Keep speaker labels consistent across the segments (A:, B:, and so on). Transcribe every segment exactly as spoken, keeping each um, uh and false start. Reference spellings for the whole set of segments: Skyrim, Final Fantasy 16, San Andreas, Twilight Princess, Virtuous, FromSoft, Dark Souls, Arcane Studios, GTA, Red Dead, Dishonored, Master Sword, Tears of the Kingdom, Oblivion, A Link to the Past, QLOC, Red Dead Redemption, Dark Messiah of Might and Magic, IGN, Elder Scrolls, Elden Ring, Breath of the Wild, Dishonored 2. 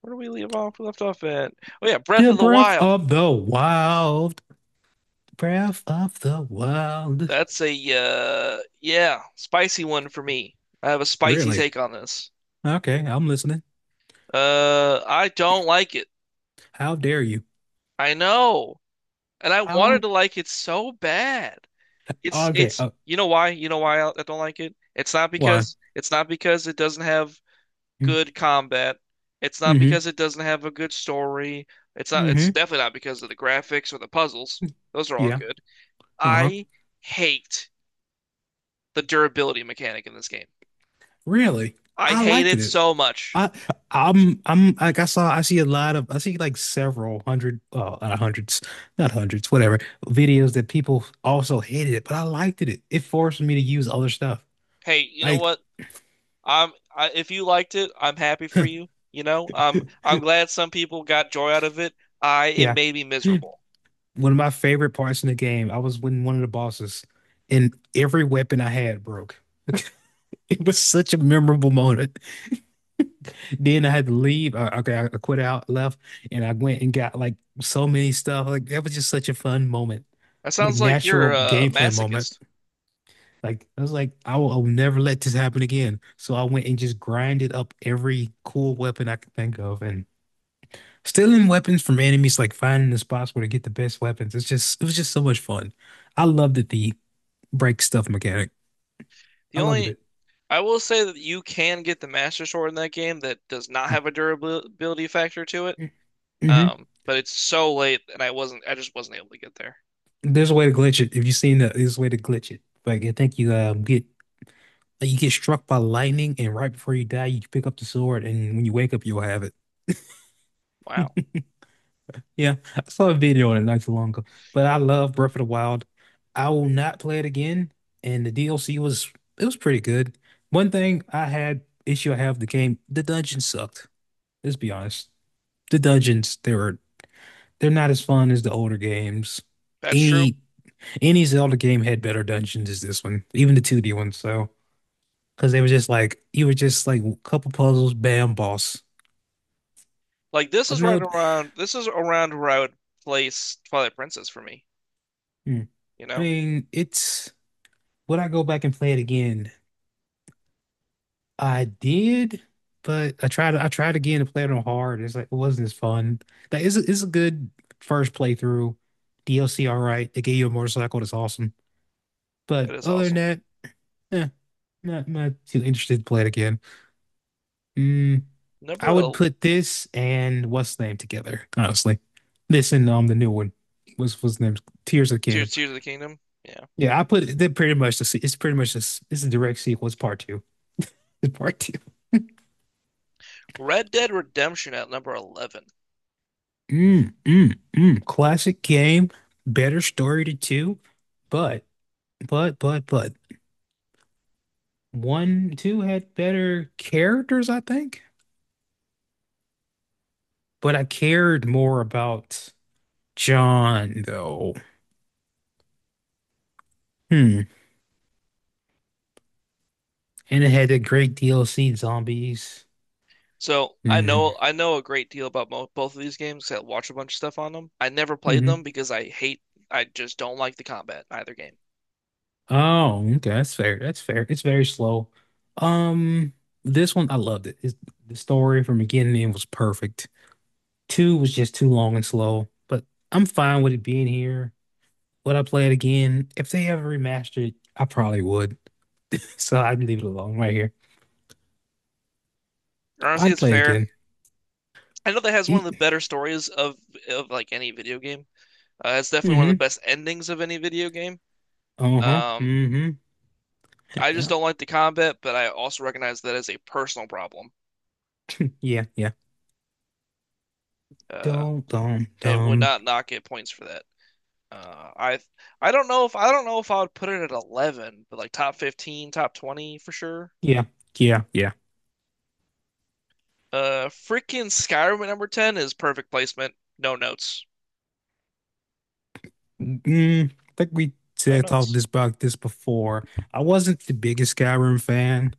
A: Where do we leave off? We left off at oh yeah, Breath
B: The
A: of the
B: Breath
A: Wild.
B: of the Wild. Breath of the Wild.
A: That's a uh yeah, spicy one for me. I have a spicy
B: Really?
A: take on this.
B: Okay, I'm listening.
A: Uh, I don't like it.
B: How dare you?
A: I know, and I wanted
B: How?
A: to like it so bad. It's
B: Okay,
A: it's
B: uh,
A: you know why? You know why I I don't like it? It's not
B: why?
A: because it's not because it doesn't have good combat. It's not
B: Mm-hmm.
A: because it doesn't have a good story. It's not. It's
B: Mm-hmm.
A: definitely not because of the graphics or the puzzles. Those are all
B: Yeah.
A: good.
B: Uh-huh.
A: I hate the durability mechanic in this game.
B: Really?
A: I
B: I
A: hate
B: liked
A: it
B: it.
A: so much.
B: I I'm I'm like, I saw, I see a lot of, I see like several hundred, uh not hundreds, not hundreds, whatever, videos that people also hated it, but I liked it. It forced me to use other stuff.
A: Hey, you know
B: Like,
A: what? I'm I, if you liked it, I'm happy for you. You know, um, I'm glad some people got joy out of it. I it
B: yeah.
A: made me miserable.
B: One of my favorite parts in the game, I was winning one of the bosses, and every weapon I had broke. It was such a memorable moment. Then I had to leave. Uh, okay, I quit out, left, and I went and got like so many stuff. Like that was just such a fun moment,
A: That
B: like
A: sounds like
B: natural
A: you're a
B: gameplay moment.
A: masochist.
B: Like I was like, I will, I will never let this happen again. So I went and just grinded up every cool weapon I could think of, and stealing weapons from enemies, like finding the spots where to get the best weapons. It's just, it was just so much fun. I loved it. The break stuff mechanic.
A: The
B: I loved
A: only
B: it.
A: I will say that you can get the Master Sword in that game that does not have a durability factor to it.
B: Hmm.
A: Um, but it's so late and I wasn't I just wasn't able to get there.
B: There's a way to glitch it. If you've seen that, there's a way to glitch it. Like I think you um get like, you get struck by lightning, and right before you die, you pick up the sword, and when you wake up, you'll have it.
A: Wow.
B: Yeah, I saw a video on it not too long ago. But I love Breath of the Wild. I will not play it again. And the D L C was it was pretty good. One thing I had issue I have with the game, the dungeons sucked. Let's be honest. The dungeons, they were they're not as fun as the older games.
A: That's true.
B: Any Any Zelda game had better dungeons as this one, even the two D one. So, because they were just like, you were just like a couple puzzles, bam, boss.
A: Like this
B: I
A: is right
B: know.
A: around this is around where I would place Twilight Princess for me.
B: Hmm.
A: You
B: I
A: know,
B: mean, it's would I go back and play it again? I did, but I tried. I tried again to play it on hard. It's like it wasn't as fun. That is is a good first playthrough. D L C, all right. They gave you a motorcycle. That's awesome.
A: that
B: But
A: is
B: other than
A: awesome.
B: that, eh, not not too interested to play it again. Mm,
A: Number
B: I would
A: el-
B: put this and what's the name together, honestly. This and um the new one. What's what's the name? Tears of the
A: Tears
B: Kingdom.
A: Tears of the Kingdom. Yeah.
B: Yeah, I put it they're pretty much the se- it's pretty much this it's a direct sequel. It's part two. It's part two.
A: Red Dead Redemption at number eleven.
B: Mm, mm, mm. Classic game, better story to two, but but but but one two had better characters, I think. But I cared more about John though. Hmm. And it had a great D L C zombies.
A: So I
B: Mm,
A: know I know a great deal about mo both of these games 'cause I watch a bunch of stuff on them. I never played
B: hmm.
A: them because I hate I just don't like the combat in either game.
B: Oh, okay. That's fair. That's fair. It's very slow. Um, this one I loved it. It's, the story from beginning to end was perfect. Two was just too long and slow, but I'm fine with it being here. Would I play it again? If they ever remastered it, I probably would. So I'd leave it alone right here.
A: Honestly,
B: I'd
A: it's
B: play it
A: fair.
B: again.
A: I know that has one of
B: E
A: the better stories of of like any video game. Uh, it's definitely one of
B: Mm-hmm.
A: the best endings of any video game.
B: Uh-huh.
A: Um,
B: Mm-hmm.
A: I just
B: Yeah.
A: don't like the combat, but I also recognize that as a personal problem.
B: Yeah. Yeah.
A: Uh,
B: Dum dum
A: and would
B: dum.
A: not knock it points for that. Uh, I I don't know if I don't know if I would put it at eleven, but like top fifteen, top twenty for sure.
B: Yeah. Yeah. Yeah.
A: Uh, freaking Skyrim at number ten is perfect placement. No notes.
B: Mm, I think we
A: No
B: said talked
A: notes.
B: this about this before. I wasn't the biggest Skyrim fan,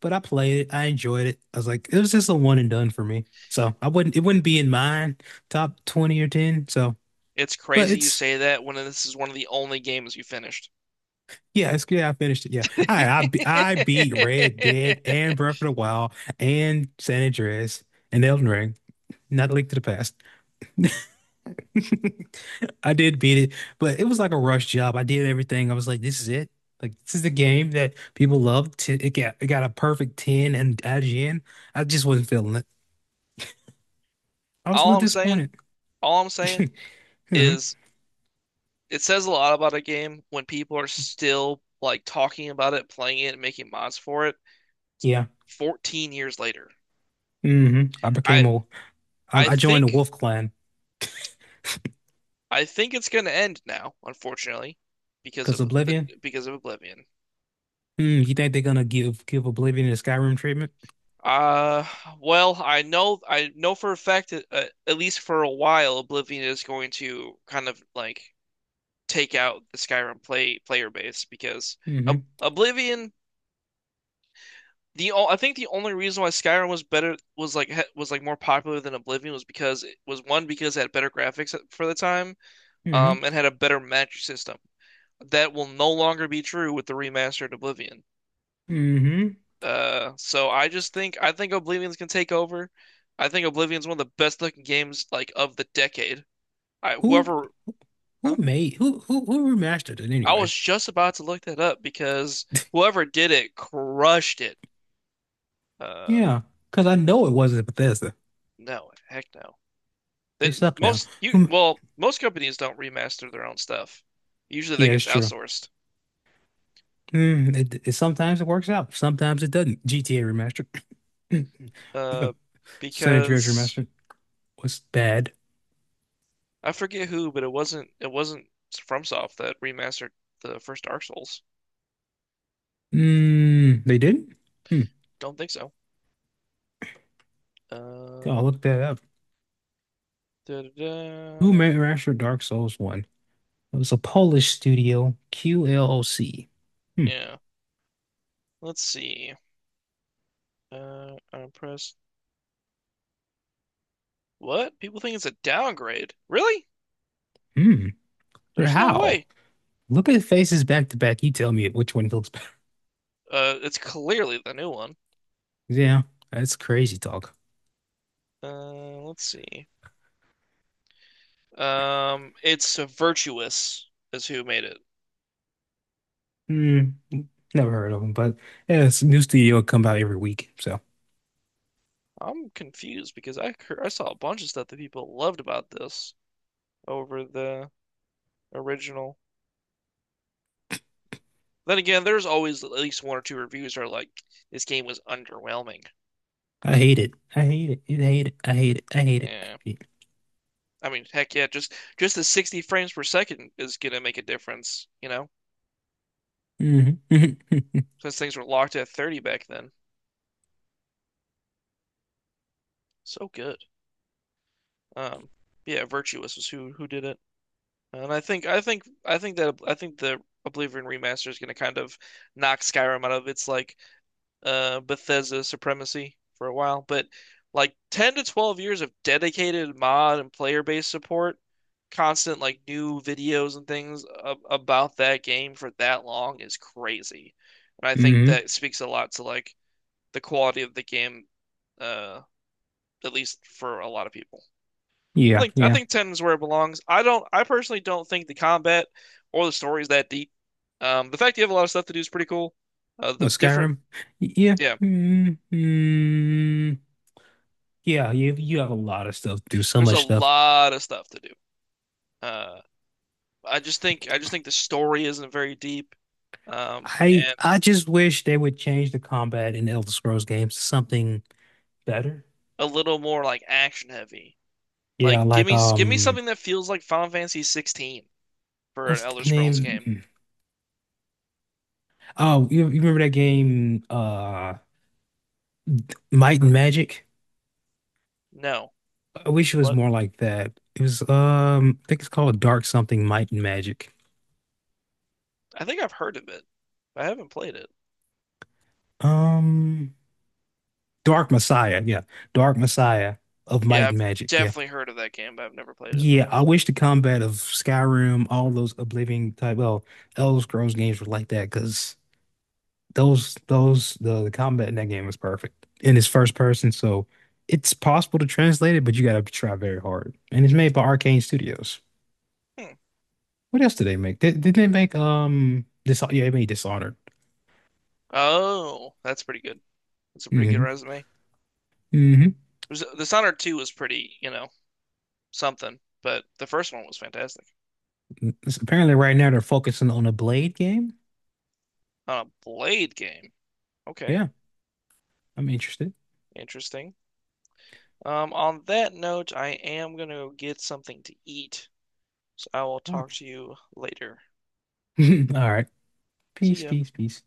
B: but I played it. I enjoyed it. I was like, it was just a one and done for me. So I wouldn't it wouldn't be in mine top twenty or ten. So,
A: It's
B: but
A: crazy you
B: it's
A: say that when this is one of the only games you finished.
B: yeah, it's yeah, I finished it. Yeah. I I be- I beat Red Dead and Breath of the Wild and San Andreas and Elden Ring. Not a link to the past. I did beat it, but it was like a rush job. I did everything. I was like, this is it. Like this is the game that people love. T- It got it got a perfect ten and I G N. I just wasn't feeling it. I was a
A: All
B: little
A: I'm saying,
B: disappointed.
A: all I'm saying
B: Hmm.
A: is it says a lot about a game when people are still like talking about it, playing it, and making mods for it
B: Yeah.
A: fourteen years later.
B: Hmm. I became
A: I
B: a I,
A: I
B: I joined the
A: think
B: Wolf Clan
A: I think it's gonna end now, unfortunately, because
B: because
A: of the
B: Oblivion.
A: because of Oblivion.
B: Mm, you think they're gonna give give Oblivion the Skyrim treatment?
A: Uh, well, I know I know for a fact that uh, at least for a while, Oblivion is going to kind of like take out the Skyrim play player base because Ob
B: Hmm.
A: Oblivion. The o- I think the only reason why Skyrim was better was like ha- was like more popular than Oblivion was because it was one because it had better graphics for the time,
B: Hmm.
A: um, and had a better magic system. That will no longer be true with the remastered Oblivion.
B: Hmm.
A: Uh, so I just think I think Oblivion's can take over. I think Oblivion's one of the best looking games like of the decade. I
B: Who
A: whoever
B: who
A: huh?
B: made who who who remastered it
A: I was
B: anyway?
A: just about to look that up because whoever did it crushed it. Uh,
B: Yeah, because I know it wasn't Bethesda.
A: no, heck no.
B: They
A: That
B: suck now.
A: most you
B: Who
A: well, most companies don't remaster their own stuff. Usually that
B: Yeah, it's
A: gets
B: true.
A: outsourced.
B: Mm, it, it sometimes it works out, sometimes it doesn't. G T A remastered,
A: Uh,
B: San Andreas
A: because
B: remastered was bad.
A: I forget who, but it wasn't it wasn't FromSoft that remastered the first Dark Souls.
B: Mm, they didn't? Hmm.
A: Don't think so.
B: I'll
A: Um,
B: look that up. Who
A: Da-da-da.
B: remastered Dark Souls one? It was a Polish studio, Q L O C. Hmm.
A: Yeah. Let's see. Uh, I'm press. What? People think it's a downgrade. Really?
B: Hmm. Or
A: There's no
B: how?
A: way.
B: Look at faces back to back. You tell me which one looks better.
A: Uh, it's clearly the new one.
B: Yeah, that's crazy talk.
A: Uh, let's see. Um, it's Virtuous is who made it.
B: Hmm. Never heard of them, but yeah, it's a new studio come out every week. So.
A: I'm confused because I I saw a bunch of stuff that people loved about this over the original. Then again, there's always at least one or two reviews that are like, this game was underwhelming.
B: I hate it. I hate it. I hate it. I hate it. I hate it. I
A: Yeah.
B: hate
A: I mean, heck yeah, just just the sixty frames per second is gonna make a difference, you know,
B: it. Mm-hmm.
A: since things were locked at thirty back then. So good. Um, yeah, Virtuous was who who did it, and I think I think I think that I think the Oblivion remaster is gonna kind of knock Skyrim out of its like uh, Bethesda supremacy for a while, but like ten to twelve years of dedicated mod and player-based support, constant like new videos and things a about that game for that long is crazy. And I think
B: Hmm.
A: that speaks a lot to like the quality of the game, uh, at least for a lot of people. I
B: Yeah,
A: think I
B: yeah.
A: think ten is where it belongs. I don't I personally don't think the combat or the story is that deep. Um, the fact you have a lot of stuff to do is pretty cool. Uh, the
B: Well,
A: different
B: Skyrim. Y- Yeah.
A: yeah,
B: Mm-hmm. Yeah, you you have a lot of stuff to do, so
A: There's a
B: much stuff.
A: lot of stuff to do. Uh, I just think I just think the story isn't very deep, um,
B: I
A: and
B: I just wish they would change the combat in Elder Scrolls games to something better.
A: a little more like action heavy.
B: Yeah,
A: Like give
B: like
A: me give me
B: um
A: something that feels like Final Fantasy sixteen for an
B: what's
A: Elder
B: the
A: Scrolls
B: name?
A: game.
B: Mm. Oh, you, you remember that game uh Might and Magic?
A: No,
B: I wish it was
A: what?
B: more like that. It was um I think it's called Dark Something Might and Magic.
A: I think I've heard of it, but I haven't played it.
B: Um Dark Messiah, yeah. Dark Messiah of
A: Yeah,
B: Might and
A: I've
B: Magic, yeah.
A: definitely heard of that game, but I've never played it.
B: Yeah, I wish the combat of Skyrim, all those Oblivion type, well, Elder Scrolls games were like that because those those the, the combat in that game was perfect. And it's first person, so it's possible to translate it, but you gotta try very hard. And it's made by Arcane Studios.
A: Hmm.
B: What else did they make? Did, did they make um Dis yeah, they made Dishonored.
A: Oh, that's pretty good. That's a pretty good
B: Mhm.
A: resume.
B: Hmm.
A: There's- Dishonored two was pretty, you know, something, but the first one was fantastic.
B: Apparently, right now they're focusing on a Blade game.
A: On a Blade game. Okay.
B: Yeah, I'm interested.
A: Interesting. Um, on that note, I am gonna go get something to eat, so I will
B: Oh.
A: talk to you later.
B: All right.
A: See
B: Peace,
A: ya.
B: peace, peace.